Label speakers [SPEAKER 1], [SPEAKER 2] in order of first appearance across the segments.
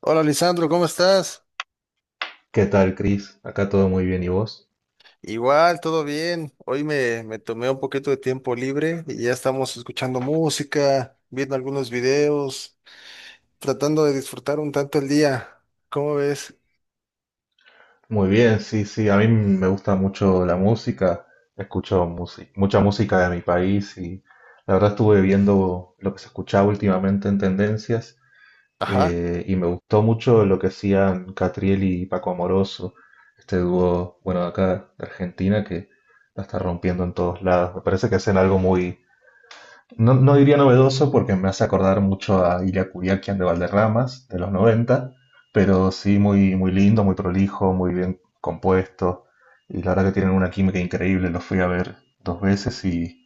[SPEAKER 1] Hola, Lisandro, ¿cómo estás?
[SPEAKER 2] ¿Qué tal, Chris? Acá todo muy bien, ¿y vos?
[SPEAKER 1] Igual, todo bien. Hoy me tomé un poquito de tiempo libre y ya estamos escuchando música, viendo algunos videos, tratando de disfrutar un tanto el día. ¿Cómo ves?
[SPEAKER 2] Muy bien, sí, sí, a mí me gusta mucho la música, escucho mucha música de mi país, y la verdad estuve viendo lo que se escuchaba últimamente en tendencias.
[SPEAKER 1] Ajá.
[SPEAKER 2] Y me gustó mucho lo que hacían Catriel y Paco Amoroso, este dúo, bueno, de acá de Argentina, que la está rompiendo en todos lados. Me parece que hacen algo muy... No, no diría novedoso, porque me hace acordar mucho a Ilya Kuryakin de Valderramas, de los 90, pero sí muy, muy lindo, muy prolijo, muy bien compuesto. Y la verdad que tienen una química increíble. Los fui a ver dos veces, y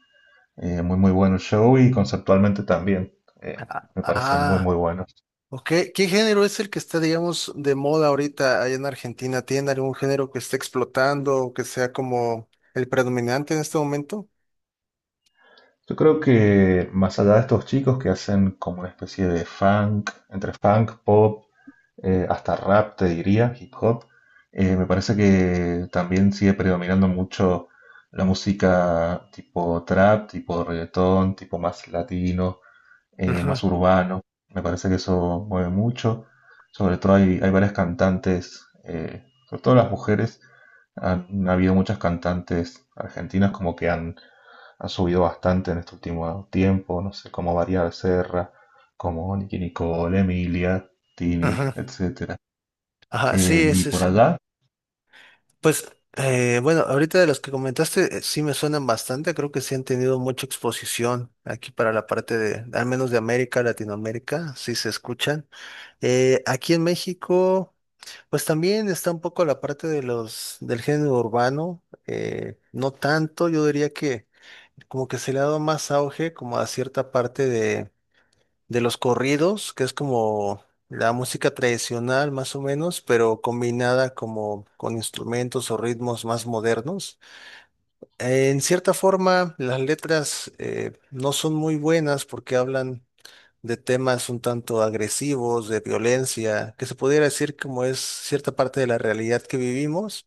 [SPEAKER 2] muy, muy bueno el show, y conceptualmente también. eh, Me parecen muy,
[SPEAKER 1] Ah,
[SPEAKER 2] muy buenos.
[SPEAKER 1] ok. ¿Qué género es el que está, digamos, de moda ahorita allá en Argentina? ¿Tiene algún género que esté explotando o que sea como el predominante en este momento?
[SPEAKER 2] Yo creo que más allá de estos chicos, que hacen como una especie de funk, entre funk, pop, hasta rap, te diría, hip hop. Me parece que también sigue predominando mucho la música tipo trap, tipo reggaetón, tipo más latino,
[SPEAKER 1] Ujú.
[SPEAKER 2] más urbano. Me parece que eso mueve mucho. Sobre todo hay, hay varias cantantes, sobre todo las mujeres. Han, ha habido muchas cantantes argentinas como que han, han subido bastante en este último tiempo. No sé, como María Becerra, como Nicki Nicole, Emilia, Tini,
[SPEAKER 1] Ajá,
[SPEAKER 2] etcétera.
[SPEAKER 1] ajá, sí,
[SPEAKER 2] Y
[SPEAKER 1] sí,
[SPEAKER 2] por
[SPEAKER 1] sí.
[SPEAKER 2] allá,
[SPEAKER 1] Pues, bueno, ahorita de los que comentaste, sí me suenan bastante, creo que sí han tenido mucha exposición aquí para la parte de, al menos de América, Latinoamérica, sí se escuchan. Aquí en México, pues también está un poco la parte de los, del género urbano, no tanto, yo diría que como que se le ha dado más auge como a cierta parte de los corridos, que es como la música tradicional más o menos, pero combinada como con instrumentos o ritmos más modernos. En cierta forma, las letras no son muy buenas porque hablan de temas un tanto agresivos, de violencia, que se pudiera decir como es cierta parte de la realidad que vivimos,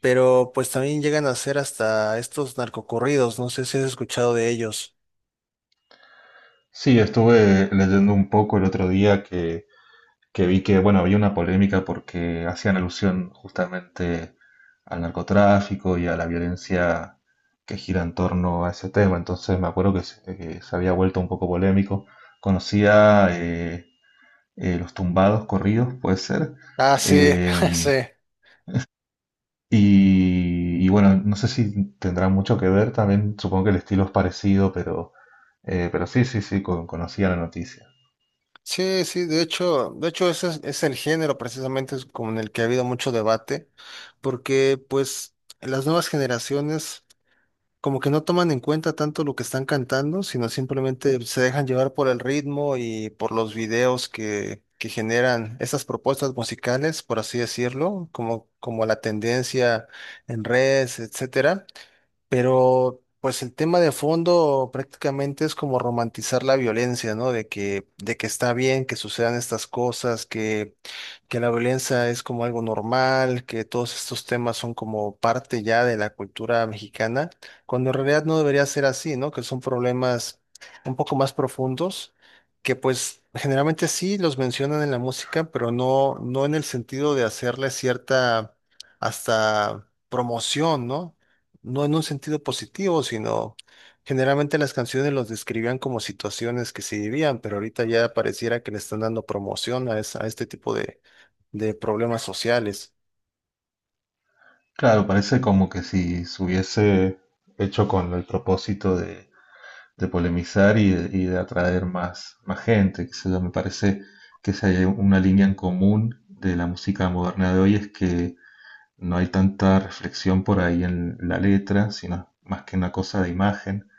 [SPEAKER 1] pero pues también llegan a ser hasta estos narcocorridos, no sé si has escuchado de ellos.
[SPEAKER 2] sí, estuve leyendo un poco el otro día que vi que, bueno, había una polémica porque hacían alusión justamente al narcotráfico y a la violencia que gira en torno a ese tema. Entonces me acuerdo que se había vuelto un poco polémico. Conocía los tumbados corridos, puede ser.
[SPEAKER 1] Ah, sí, sí.
[SPEAKER 2] Eh, y, y bueno, no sé si tendrá mucho que ver también, supongo que el estilo es parecido, pero sí, sí, sí, conocía la noticia.
[SPEAKER 1] Sí, sí, de hecho ese es el género, precisamente es con el que ha habido mucho debate, porque pues las nuevas generaciones como que no toman en cuenta tanto lo que están cantando, sino simplemente se dejan llevar por el ritmo y por los videos que generan esas propuestas musicales, por así decirlo, como, como la tendencia en redes, etcétera. Pero pues el tema de fondo prácticamente es como romantizar la violencia, ¿no? De que está bien que sucedan estas cosas, que la violencia es como algo normal, que todos estos temas son como parte ya de la cultura mexicana, cuando en realidad no debería ser así, ¿no? Que son problemas un poco más profundos, que pues generalmente sí los mencionan en la música, pero no, no en el sentido de hacerle cierta hasta promoción, ¿no? No en un sentido positivo, sino generalmente las canciones los describían como situaciones que se vivían, pero ahorita ya pareciera que le están dando promoción a, esa- a este tipo de problemas sociales.
[SPEAKER 2] Claro, parece como que si se hubiese hecho con el propósito de polemizar y de atraer más, más gente, qué sé yo. Me parece que si hay una línea en común de la música moderna de hoy, es que no hay tanta reflexión por ahí en la letra, sino más que una cosa de imagen,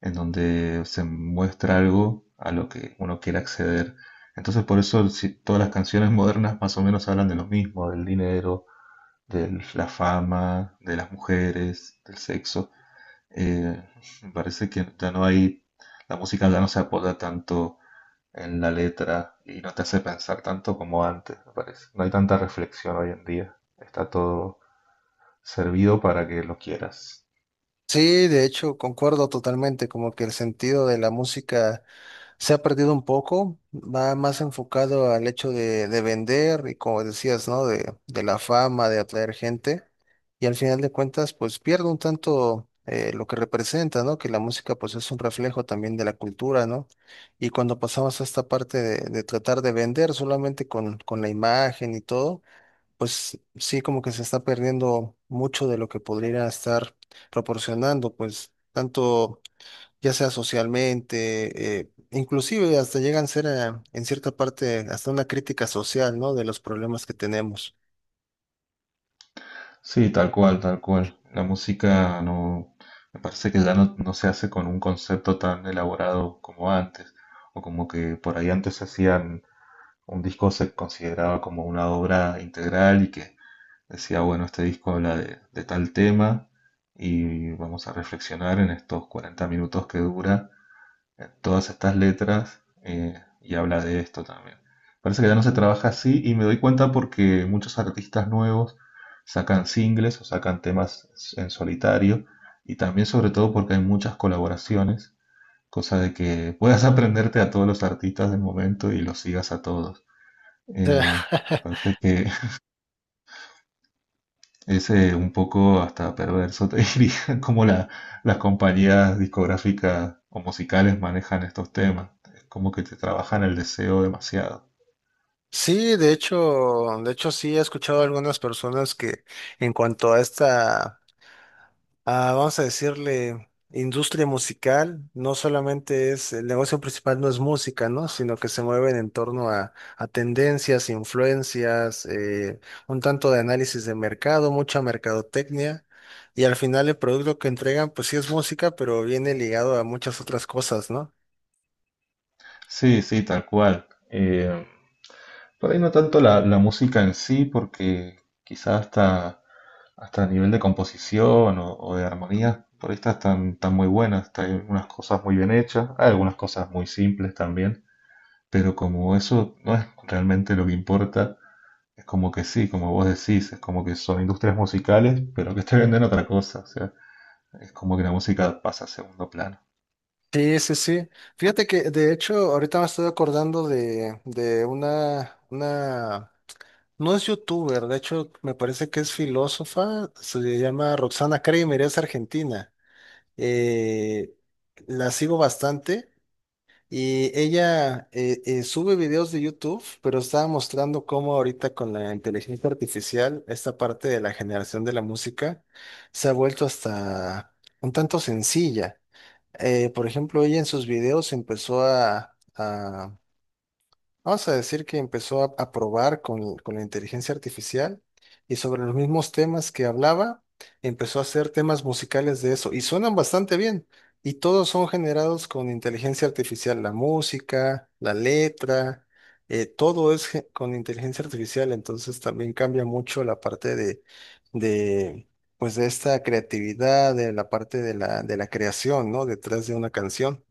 [SPEAKER 2] en donde se muestra algo a lo que uno quiere acceder. Entonces, por eso todas las canciones modernas más o menos hablan de lo mismo, del dinero, de la fama, de las mujeres, del sexo. Eh, Me parece que ya no hay, la música ya no se apoya tanto en la letra y no te hace pensar tanto como antes, me parece. No hay tanta reflexión hoy en día. Está todo servido para que lo quieras.
[SPEAKER 1] Sí, de hecho, concuerdo totalmente, como que el sentido de la música se ha perdido un poco, va más enfocado al hecho de vender y como decías, ¿no? De la fama, de atraer gente. Y al final de cuentas, pues pierde un tanto lo que representa, ¿no? Que la música pues es un reflejo también de la cultura, ¿no? Y cuando pasamos a esta parte de tratar de vender solamente con la imagen y todo, pues sí como que se está perdiendo mucho de lo que podría estar proporcionando, pues tanto ya sea socialmente, inclusive hasta llegan a ser en cierta parte hasta una crítica social, ¿no? De los problemas que tenemos.
[SPEAKER 2] Sí, tal cual, tal cual. La música no, me parece que ya no, no se hace con un concepto tan elaborado como antes, o como que por ahí antes se hacían... Un disco se consideraba como una obra integral, y que decía, bueno, este disco habla de tal tema, y vamos a reflexionar en estos 40 minutos que dura en todas estas letras, y habla de esto también. Parece que ya no se trabaja así, y me doy cuenta porque muchos artistas nuevos sacan singles o sacan temas en solitario, y también sobre todo porque hay muchas colaboraciones, cosa de que puedas aprenderte a todos los artistas del momento y los sigas a todos.
[SPEAKER 1] O sea,
[SPEAKER 2] Eh, Aparte que es un poco hasta perverso, te diría, cómo las compañías discográficas o musicales manejan estos temas. Es como que te trabajan el deseo demasiado.
[SPEAKER 1] sí, de hecho sí he escuchado a algunas personas que en cuanto a esta a, vamos a decirle, industria musical, no solamente es, el negocio principal no es música, ¿no? Sino que se mueven en torno a tendencias, influencias, un tanto de análisis de mercado, mucha mercadotecnia. Y al final el producto que entregan, pues sí es música, pero viene ligado a muchas otras cosas, ¿no?
[SPEAKER 2] Sí, sí, tal cual. Por ahí no tanto la, la música en sí, porque quizás hasta, hasta a nivel de composición o de armonía, por ahí estas están, están muy buenas. Hay algunas cosas muy bien hechas, hay algunas cosas muy simples también, pero como eso no es realmente lo que importa... Es como que sí, como vos decís, es como que son industrias musicales, pero que te venden otra cosa. O sea, es como que la música pasa a segundo plano.
[SPEAKER 1] Sí, sí, sí. Fíjate que de hecho ahorita me estoy acordando de una, no es youtuber, de hecho me parece que es filósofa, se llama Roxana Kramer, es argentina. Eh, la sigo bastante y ella sube videos de YouTube, pero estaba mostrando cómo ahorita con la inteligencia artificial, esta parte de la generación de la música se ha vuelto hasta un tanto sencilla. Por ejemplo, ella en sus videos empezó a vamos a decir que empezó a probar con la inteligencia artificial y sobre los mismos temas que hablaba, empezó a hacer temas musicales de eso y suenan bastante bien. Y todos son generados con inteligencia artificial, la música, la letra, todo es ge- con inteligencia artificial, entonces también cambia mucho la parte de, pues de esta creatividad, de la parte de la creación, ¿no? Detrás de una canción.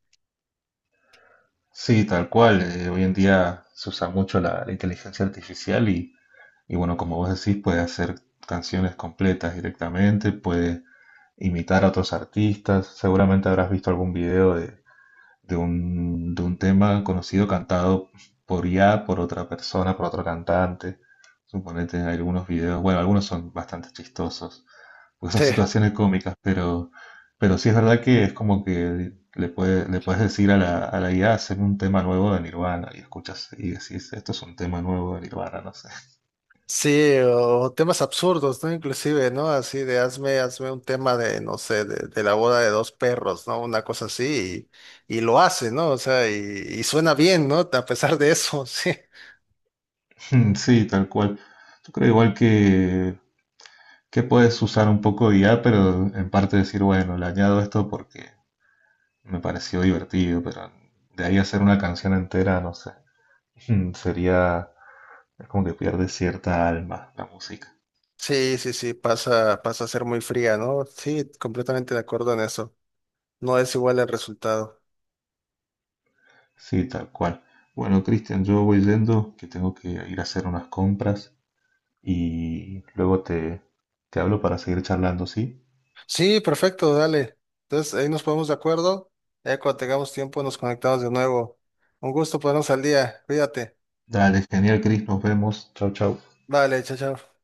[SPEAKER 2] Sí, tal cual. Hoy en día se usa mucho la, la inteligencia artificial, y bueno, como vos decís, puede hacer canciones completas directamente, puede imitar a otros artistas. Seguramente habrás visto algún video de, de un tema conocido cantado por IA, por otra persona, por otro cantante. Suponete algunos videos, bueno, algunos son bastante chistosos porque son situaciones cómicas, pero sí es verdad que es como que le puede, le puedes decir a la IA: haceme un tema nuevo de Nirvana, y escuchas y decís, esto es un tema nuevo de Nirvana, no sé.
[SPEAKER 1] Sí, o temas absurdos, ¿no? Inclusive, ¿no? Así de hazme, hazme un tema de, no sé, de la boda de dos perros, ¿no? Una cosa así, y lo hace, ¿no? O sea, y suena bien, ¿no? A pesar de eso, sí.
[SPEAKER 2] Sí, tal cual. Yo creo igual que puedes usar un poco de IA, pero en parte decir, bueno, le añado esto porque me pareció divertido, pero de ahí hacer una canción entera, no sé, sería... Es como que pierde cierta alma la música.
[SPEAKER 1] Sí, sí, sí, pasa, pasa a ser muy fría, ¿no? Sí, completamente de acuerdo en eso. No es igual el resultado.
[SPEAKER 2] Sí, tal cual. Bueno, Cristian, yo voy yendo, que tengo que ir a hacer unas compras, y luego te, te hablo para seguir charlando, ¿sí?
[SPEAKER 1] Sí, perfecto, dale. Entonces, ahí nos ponemos de acuerdo. Ya cuando tengamos tiempo nos conectamos de nuevo. Un gusto ponernos al día. Cuídate.
[SPEAKER 2] Dale, genial, Cris, nos vemos. Chau, chau.
[SPEAKER 1] Vale, chao, chao.